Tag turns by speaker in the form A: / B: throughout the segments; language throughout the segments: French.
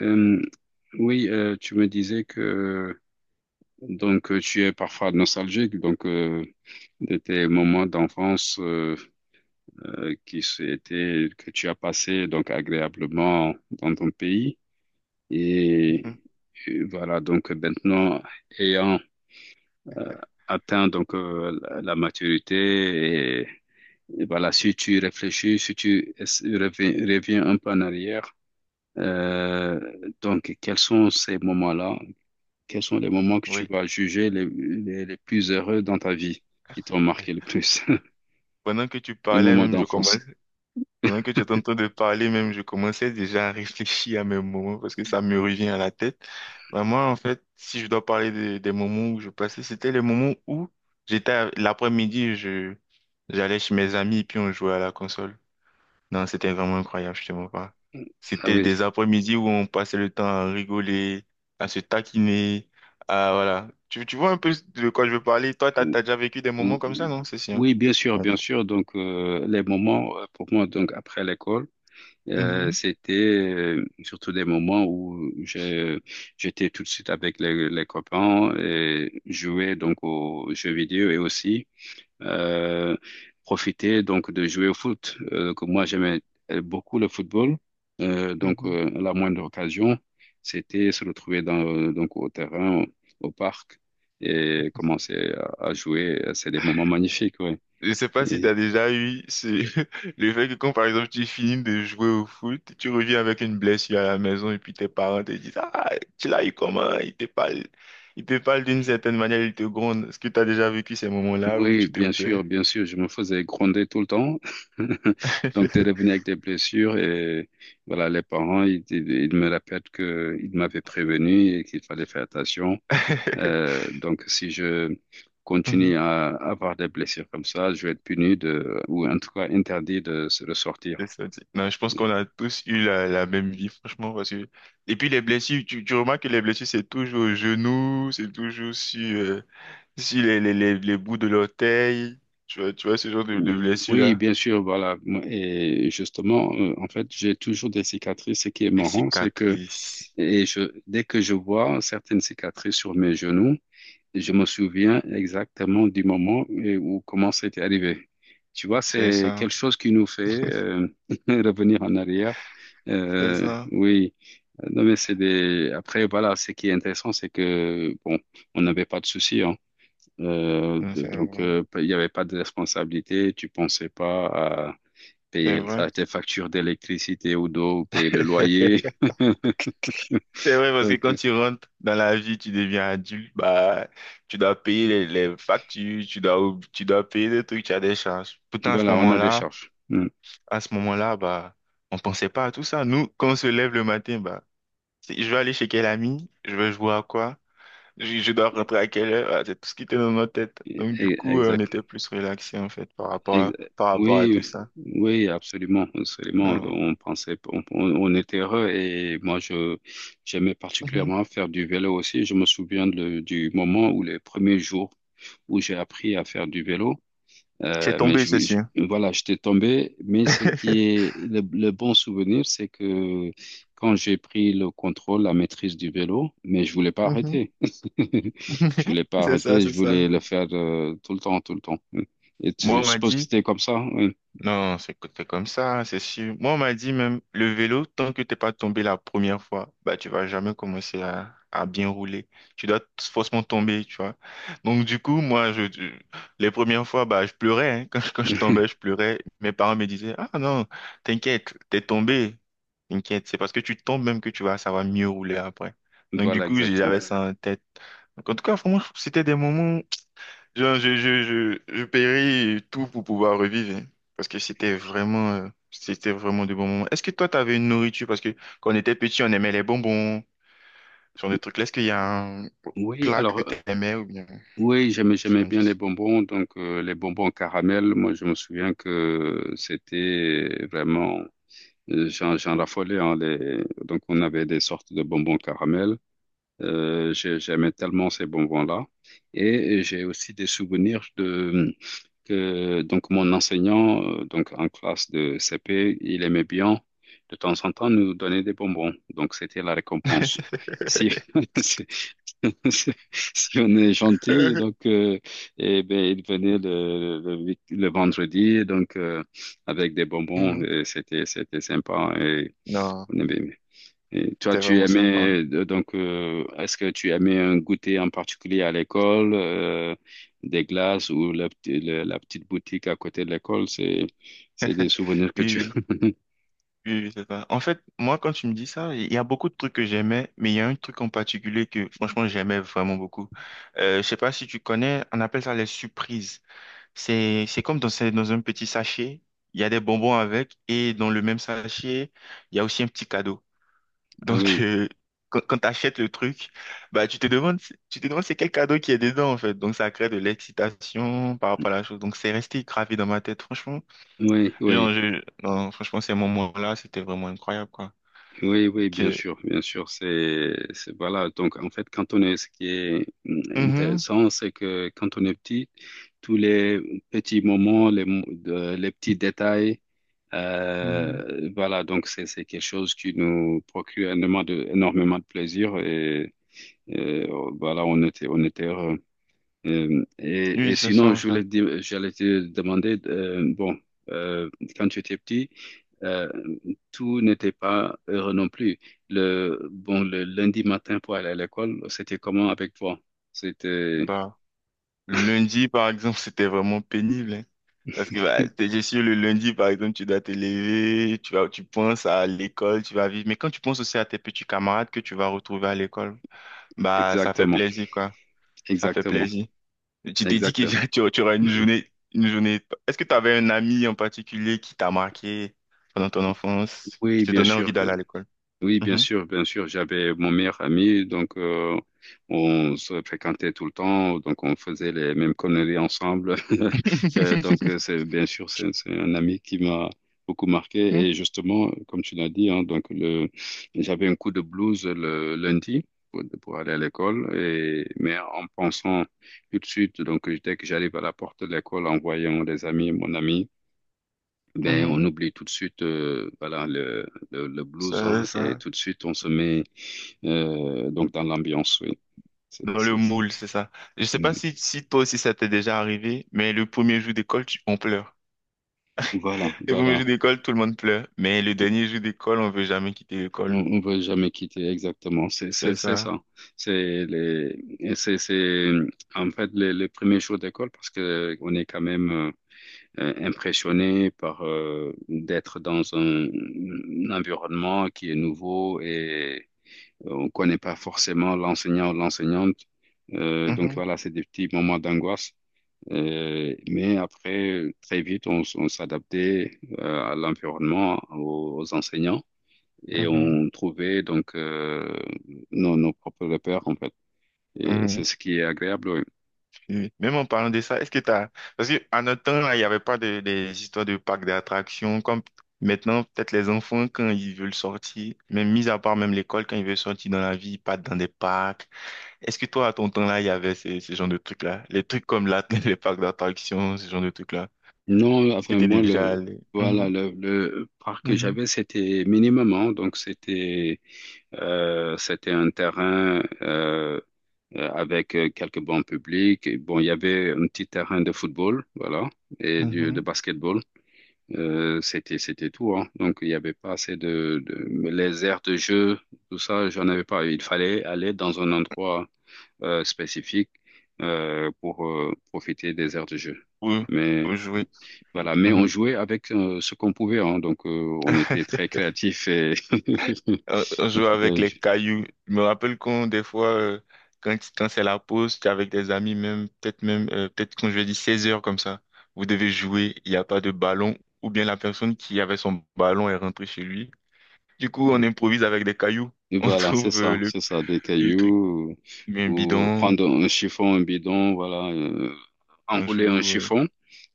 A: Euh, oui, tu me disais que tu es parfois nostalgique de tes moments d'enfance qui étaient que tu as passé donc agréablement dans ton pays
B: Mhm.
A: et, et voilà donc maintenant ayant euh, atteint donc la maturité et voilà. Si tu réfléchis, si reviens un peu en arrière, euh, donc quels sont ces moments-là? Quels sont les moments que tu
B: Oui.
A: vas juger les plus heureux dans ta vie, qui t'ont marqué le plus?
B: Pendant que tu
A: Les
B: parlais
A: moments
B: même, je
A: d'enfance.
B: commence, pendant que tu étais en train de parler même, je commençais déjà à réfléchir à mes moments parce que ça me revient à la tête. Moi en fait, si je dois parler des moments où je passais, c'était les moments où l'après-midi, j'allais chez mes amis et puis on jouait à la console. Non, c'était vraiment incroyable, je te mens pas.
A: Ah
B: C'était des
A: oui.
B: après-midi où on passait le temps à rigoler, à se taquiner, à voilà. Tu vois un peu de quoi je veux parler. Toi,
A: Ou-
B: t'as déjà vécu des
A: ou-
B: moments comme ça,
A: ou-
B: non? C'est sûr.
A: Oui, bien sûr,
B: Ouais.
A: bien sûr. Donc, les moments, pour moi, donc, après l'école,
B: Mhm,
A: c'était surtout des moments où j'étais tout de suite avec les copains et jouais donc aux jeux vidéo et aussi euh, profiter donc de jouer au foot. Que moi, j'aimais beaucoup le football.
B: mhm.
A: La moindre occasion, c'était se retrouver dans, au terrain, au parc et commencer à jouer. C'est des moments magnifiques, ouais.
B: Je sais pas si
A: Et
B: t'as déjà eu ce- le fait que quand par exemple tu finis de jouer au foot, tu reviens avec une blessure à la maison et puis tes parents te disent: «Ah, tu l'as eu comment?» Ils te parlent d'une certaine manière, ils te grondent. Est-ce que t'as déjà vécu ces moments-là où
A: oui,
B: tu te plais?
A: bien sûr, je me faisais gronder tout le temps. Donc, t'es revenu avec des blessures et voilà, les parents, ils me répètent qu'ils m'avaient prévenu et qu'il fallait faire attention. Donc, si je continue
B: Mhm.
A: à avoir des blessures comme ça, je vais être puni de, ou en tout cas interdit de se ressortir.
B: C'est ça, tu sais. Non, je pense qu'on a tous eu la même vie, franchement, parce que... Et puis les blessures, tu remarques que les blessures, c'est toujours au genou, c'est toujours sur, sur les bouts de l'orteil, tu vois ce genre de
A: Oui,
B: blessures-là.
A: bien sûr, voilà. Et justement, en fait, j'ai toujours des cicatrices. Ce qui est
B: Les
A: marrant, c'est que
B: cicatrices,
A: je, dès que je vois certaines cicatrices sur mes genoux, je me souviens exactement du moment et où comment c'était arrivé. Tu vois,
B: c'est
A: c'est
B: ça,
A: quelque chose qui nous fait euh, revenir en arrière.
B: c'est ça.
A: Oui. Non, mais c'est des. Après, voilà, ce qui est intéressant, c'est que, bon, on n'avait pas de soucis, hein.
B: Non, c'est vrai,
A: Il n'y avait pas de responsabilité. Tu pensais pas à
B: c'est vrai.
A: tes factures d'électricité ou d'eau, ou payer le loyer.
B: C'est vrai, parce que
A: Donc,
B: quand tu rentres dans la vie, tu deviens adulte, bah, tu dois payer les factures, tu dois payer des trucs, tu as des charges. Pourtant,
A: voilà, on a des charges. Mm.
B: à ce moment-là, bah, on pensait pas à tout ça. Nous, quand on se lève le matin, bah, je vais aller chez quel ami, je vais jouer à quoi, je dois rentrer à quelle heure. Voilà, c'est tout ce qui était dans notre tête. Donc, du
A: Et-
B: coup, on
A: Exact.
B: était plus relaxés, en fait,
A: Ex-
B: par rapport à tout
A: Oui,
B: ça.
A: oui, absolument, absolument.
B: Non.
A: On pensait, on- On était heureux et moi, je, j'aimais
B: Mhm.
A: particulièrement faire du vélo aussi. Je me souviens de- du moment où les premiers jours où j'ai appris à faire du vélo. Euh,
B: C'est
A: mais
B: tombé, c'est
A: je, je-
B: sûr.
A: voilà, j'étais tombé. Mais ce qui est le bon souvenir, c'est que quand j'ai pris le contrôle, la maîtrise du vélo, mais je voulais pas
B: Mhm.
A: arrêter. Je voulais pas
B: C'est ça,
A: arrêter.
B: c'est
A: Je
B: ça.
A: voulais le faire tout le temps, tout le temps. Et
B: Moi,
A: je
B: on m'a
A: suppose que
B: dit,
A: c'était comme ça. Oui.
B: Non, c'est co- c'est comme ça, c'est sûr. Moi, on m'a dit même, le vélo, tant que t'es pas tombé la première fois, bah, tu vas jamais commencer à bien rouler. Tu dois t- Forcément tomber, tu vois. Donc, du coup, les premières fois, bah, je pleurais, hein. Quand quand je tombais, je pleurais. Mes parents me disaient: «Ah non, t'inquiète, t'es tombé. T'inquiète, c'est parce que tu tombes même que tu vas savoir mieux rouler après.» Donc, du
A: Voilà,
B: coup,
A: exactement.
B: j'avais ça en tête. Donc, en tout cas, vraiment, c'était des moments je paierai tout pour pouvoir revivre, hein. Parce que c'était vraiment de bons moments. Est-ce que toi, tu avais une nourriture? Parce que quand on était petit, on aimait les bonbons, ce genre de trucs. Est-ce qu'il y a un
A: Oui,
B: plat
A: alors,
B: que tu aimais ou bien
A: oui, j'aimais bien les
B: friandise?
A: bonbons. Donc, les bonbons caramel, moi, je me souviens que j'en raffolais, hein, les... Donc, on avait des sortes de bonbons caramel. J'aimais tellement ces bonbons-là. Et j'ai aussi des souvenirs de que donc mon enseignant, donc en classe de CP, il aimait bien de temps en temps nous donner des bonbons. Donc, c'était la récompense. Si, si, si si on est gentil, donc, ben, il venait le vendredi, donc, avec des bonbons,
B: Mhm.
A: et c'était sympa. Et
B: Non,
A: on bien. Et toi,
B: c'était
A: tu
B: vraiment sympa.
A: aimais, est-ce que tu aimais un goûter en particulier à l'école, des glaces ou la petite boutique à côté de l'école? C'est des souvenirs que tu...
B: Oui, oui, oui, c'est ça. En fait, moi, quand tu me dis ça, il y a beaucoup de trucs que j'aimais, mais il y a un truc en particulier que, franchement, j'aimais vraiment beaucoup. Je sais pas si tu connais, on appelle ça les surprises. C'est comme dans un petit sachet, il y a des bonbons avec, et dans le même sachet, il y a aussi un petit cadeau.
A: Ah
B: Donc,
A: oui,
B: quand, quand tu achètes le truc, bah, tu te demandes c'est quel cadeau qui est dedans, en fait. Donc, ça crée de l'excitation par rapport à la chose. Donc, c'est resté gravé dans ma tête, franchement.
A: oui,
B: Genre,
A: oui,
B: je, non, franchement, ces moments-là, c'était vraiment incroyable, quoi.
A: oui, bien
B: Que-
A: sûr, bien sûr. Voilà. Donc, en fait, ce qui est
B: Mhm,
A: intéressant, c'est que quand on est petit, tous les petits moments, les petits détails,
B: mhm.
A: Voilà, donc c'est quelque chose qui nous procure énormément de plaisir et, voilà, on était heureux.
B: Oui,
A: Et
B: c'est ça,
A: sinon,
B: en
A: je voulais
B: fait.
A: te dire- j'allais te demander, bon, euh, quand tu étais petit, euh, tout n'était pas heureux non plus. Le lundi matin pour aller à l'école, c'était comment avec toi? C'était
B: Bah, lundi, par exemple, c'était vraiment pénible, hein. Parce que bah, je suis le lundi, par exemple, tu dois te lever, tu vas, tu penses à l'école, tu vas vivre. Mais quand tu penses aussi à tes petits camarades que tu vas retrouver à l'école, bah ça fait
A: exactement,
B: plaisir, quoi. Ça fait
A: exactement,
B: plaisir. Tu t'es dit que
A: exact.
B: tu auras une journée, une journée. Est-ce que tu avais un ami en particulier qui t'a marqué pendant ton enfance, qui
A: Oui,
B: te
A: bien
B: donnait envie
A: sûr, bien.
B: d'aller à l'école?
A: Oui, bien
B: Mhm.
A: sûr, bien sûr. J'avais mon meilleur ami, donc on se fréquentait tout le temps, donc on faisait les mêmes conneries ensemble. C'est bien sûr, c'est un ami qui m'a beaucoup marqué. Et justement, comme tu l'as dit, hein, j'avais un coup de blues le lundi pour aller à l'école, mais en pensant tout de suite, donc dès que j'arrive à la porte de l'école, en voyant les amis, mon ami. Ben, on
B: Mhm.
A: oublie tout de suite voilà, le blues hein,
B: Ça,
A: et
B: ça.
A: tout de suite on se met donc dans l'ambiance, oui. C'est,
B: Dans le
A: c'est, c'est-
B: moule, c'est ça. Je sais pas
A: Mm.
B: si, si toi aussi ça t'est déjà arrivé, mais le premier jour d'école, on pleure.
A: Voilà,
B: Le premier
A: voilà.
B: jour d'école, tout le monde pleure. Mais le
A: Tout-
B: dernier jour d'école, on veut jamais quitter
A: On
B: l'école.
A: ne veut jamais quitter exactement.
B: C'est
A: C'est
B: ça.
A: ça. C'est en fait les premiers jours d'école parce que on est quand même impressionné par d'être dans un environnement qui est nouveau et on connaît pas forcément l'enseignant ou l'enseignante. Donc
B: Mhm,
A: voilà, c'est des petits moments d'angoisse. Mais après, très vite, on s'adaptait à l'environnement, aux enseignants, et
B: mhm,
A: on trouvait nos propres repères en fait. Et
B: mhm.
A: c'est ce qui est agréable. Oui.
B: Et même en parlant de ça, est-ce que t'as... Parce que à notre temps, là, il n'y avait pas des histoires de parcs d'attractions. Comme maintenant, peut-être les enfants, quand ils veulent sortir, même mis à part même l'école, quand ils veulent sortir dans la vie, ils partent dans des parcs. Est-ce que toi, à ton temps-là, il y avait ces genres de trucs-là? Les trucs comme là, les parcs d'attractions, ce genre de trucs-là.
A: Non,
B: Est-ce que
A: enfin
B: t'es
A: moi
B: déjà
A: le
B: allé?
A: Voilà, le parc
B: Mhm,
A: que
B: mhm,
A: j'avais c'était minimum, hein. Donc c'était c'était un terrain avec quelques bancs publics. Et bon, il y avait un petit terrain de football, voilà, et du, de
B: mhm.
A: basketball. C'était tout, hein. Donc, il n'y avait pas assez mais les aires de jeu, tout ça, j'en avais pas. Il fallait aller dans un endroit spécifique pour profiter des aires de jeu.
B: Oui, oui,
A: Mais
B: jouer.
A: voilà, mais on
B: Mhm.
A: jouait avec ce qu'on pouvait, hein. Donc, on était très créatifs et
B: On
A: on
B: jouait avec
A: pouvait.
B: les cailloux. Je me rappelle qu'on, des fois, quand, quand c'est la pause, t'es avec des amis, même, peut-être qu'on je dis 16 heures comme ça, vous devez jouer, il n'y a pas de ballon, ou bien la personne qui avait son ballon est rentrée chez lui. Du coup, on improvise avec des cailloux. On
A: Voilà,
B: trouve,
A: c'est ça, des
B: le truc
A: cailloux
B: bien
A: ou
B: bidon.
A: prendre un chiffon, un bidon, voilà,
B: On
A: enrouler un
B: joue
A: chiffon,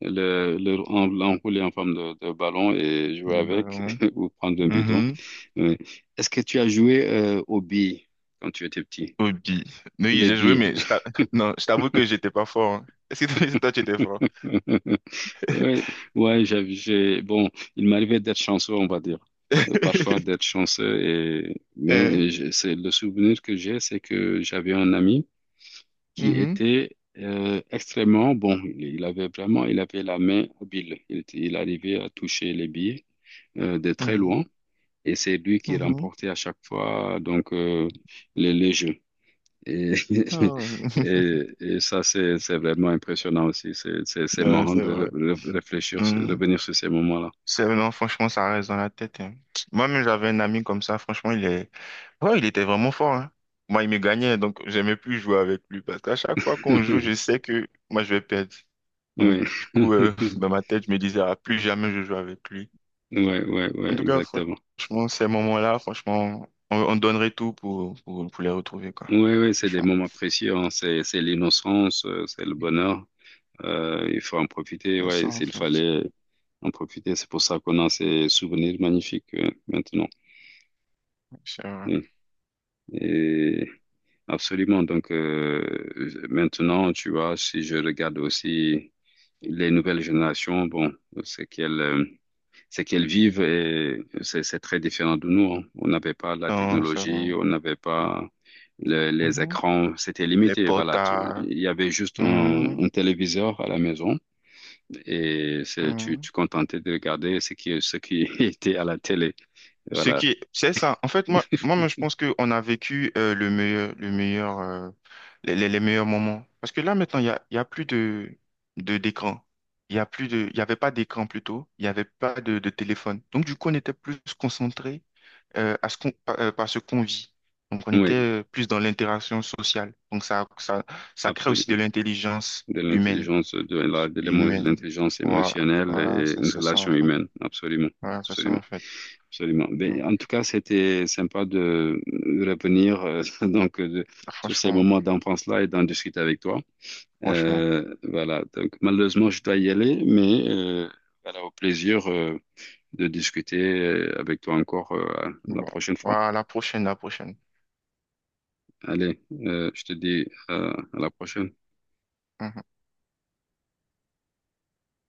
A: l'enrouler en forme de ballon et jouer
B: le
A: avec
B: ballon.
A: ou prendre un bidon.
B: Mhm.
A: Oui. Est-ce que tu as joué aux billes quand tu étais petit?
B: Hobby. Oui,
A: Les
B: j'ai joué,
A: billes.
B: mais non, je t'avoue que j'étais pas fort, hein. Est-ce que toi, toi, tu étais fort?
A: Oui, ouais, bon, il m'arrivait d'être chanceux, on va dire. Parfois d'être chanceux
B: Hein?
A: mais c'est le souvenir que j'ai, c'est que j'avais un ami qui
B: Mhm.
A: était extrêmement bon. Il avait vraiment, il avait la main habile. Il arrivait à toucher les billes de très
B: Mhm.
A: loin. Et c'est lui qui
B: Mhm.
A: remportait à chaque fois les jeux. Et,
B: Ah.
A: et ça, c'est vraiment impressionnant aussi. C'est
B: Non,
A: marrant
B: c'est vrai.
A: réfléchir,
B: Mhm.
A: revenir sur ces moments-là.
B: C'est, non, franchement, ça reste dans la tête, hein. Moi-même, j'avais un ami comme ça. Franchement, il est... ouais, il était vraiment fort, hein. Moi, il me gagnait, donc j'aimais plus jouer avec lui. Parce qu'à chaque fois qu'on joue, je sais que moi, je vais perdre. Donc,
A: Oui,
B: du coup, dans ma tête, je me disais, ah, plus jamais je joue avec lui.
A: ouais,
B: En tout cas,
A: exactement.
B: franchement, ces moments-là, franchement, on donnerait tout pour les retrouver, quoi.
A: Oui, oui, c'est des
B: Franchement.
A: moments précieux, hein. C'est l'innocence, c'est le bonheur. Il faut en profiter,
B: C'est ça,
A: ouais,
B: en
A: s'il
B: fait.
A: fallait en profiter. C'est pour ça qu'on a ces souvenirs magnifiques maintenant.
B: C'est vrai.
A: Oui. Et absolument. Donc maintenant, tu vois, si je regarde aussi les nouvelles générations, bon, c'est qu'elles euh, c'est qu'elles vivent et c'est très différent de nous, hein. On n'avait pas la
B: Non, c'est
A: technologie,
B: vrai.
A: on n'avait pas les
B: Mhm.
A: écrans, c'était
B: Les
A: limité. Voilà,
B: portables.
A: il y avait juste un
B: Mhm.
A: téléviseur à la maison, et
B: Mhm.
A: tu contentais de regarder ce qui était à la télé.
B: Ce
A: Voilà.
B: qui c'est ça. En fait, moi, je pense qu'on a vécu le meilleur, les meilleurs moments. Parce que là, maintenant, il y a plus de, d'écran. Il y a plus de, il y avait pas d'écran plutôt. Il y avait pas de téléphone. Donc, du coup, on était plus concentré à ce qu'on, par par ce qu'on vit. Donc, on était
A: Oui,
B: plus dans l'interaction sociale. Donc, ça crée aussi de
A: absolument.
B: l'intelligence
A: De
B: humaine.
A: l'intelligence, de
B: Humaine.
A: l'intelligence
B: Voilà,
A: émotionnelle
B: voilà,
A: et une
B: c'est ça en
A: relation
B: fait.
A: humaine. Absolument.
B: Voilà, c'est ça
A: Absolument.
B: en fait.
A: Absolument. Ben,
B: Mm.
A: en tout cas, c'était sympa de revenir sur ces
B: Franchement,
A: moments d'enfance-là et d'en discuter avec toi.
B: franchement.
A: Voilà. Donc, malheureusement, je dois y aller, mais voilà, au plaisir de discuter avec toi encore la
B: Bon,
A: prochaine fois.
B: voilà, la prochaine.
A: Allez, je te dis à la prochaine.
B: Mhm.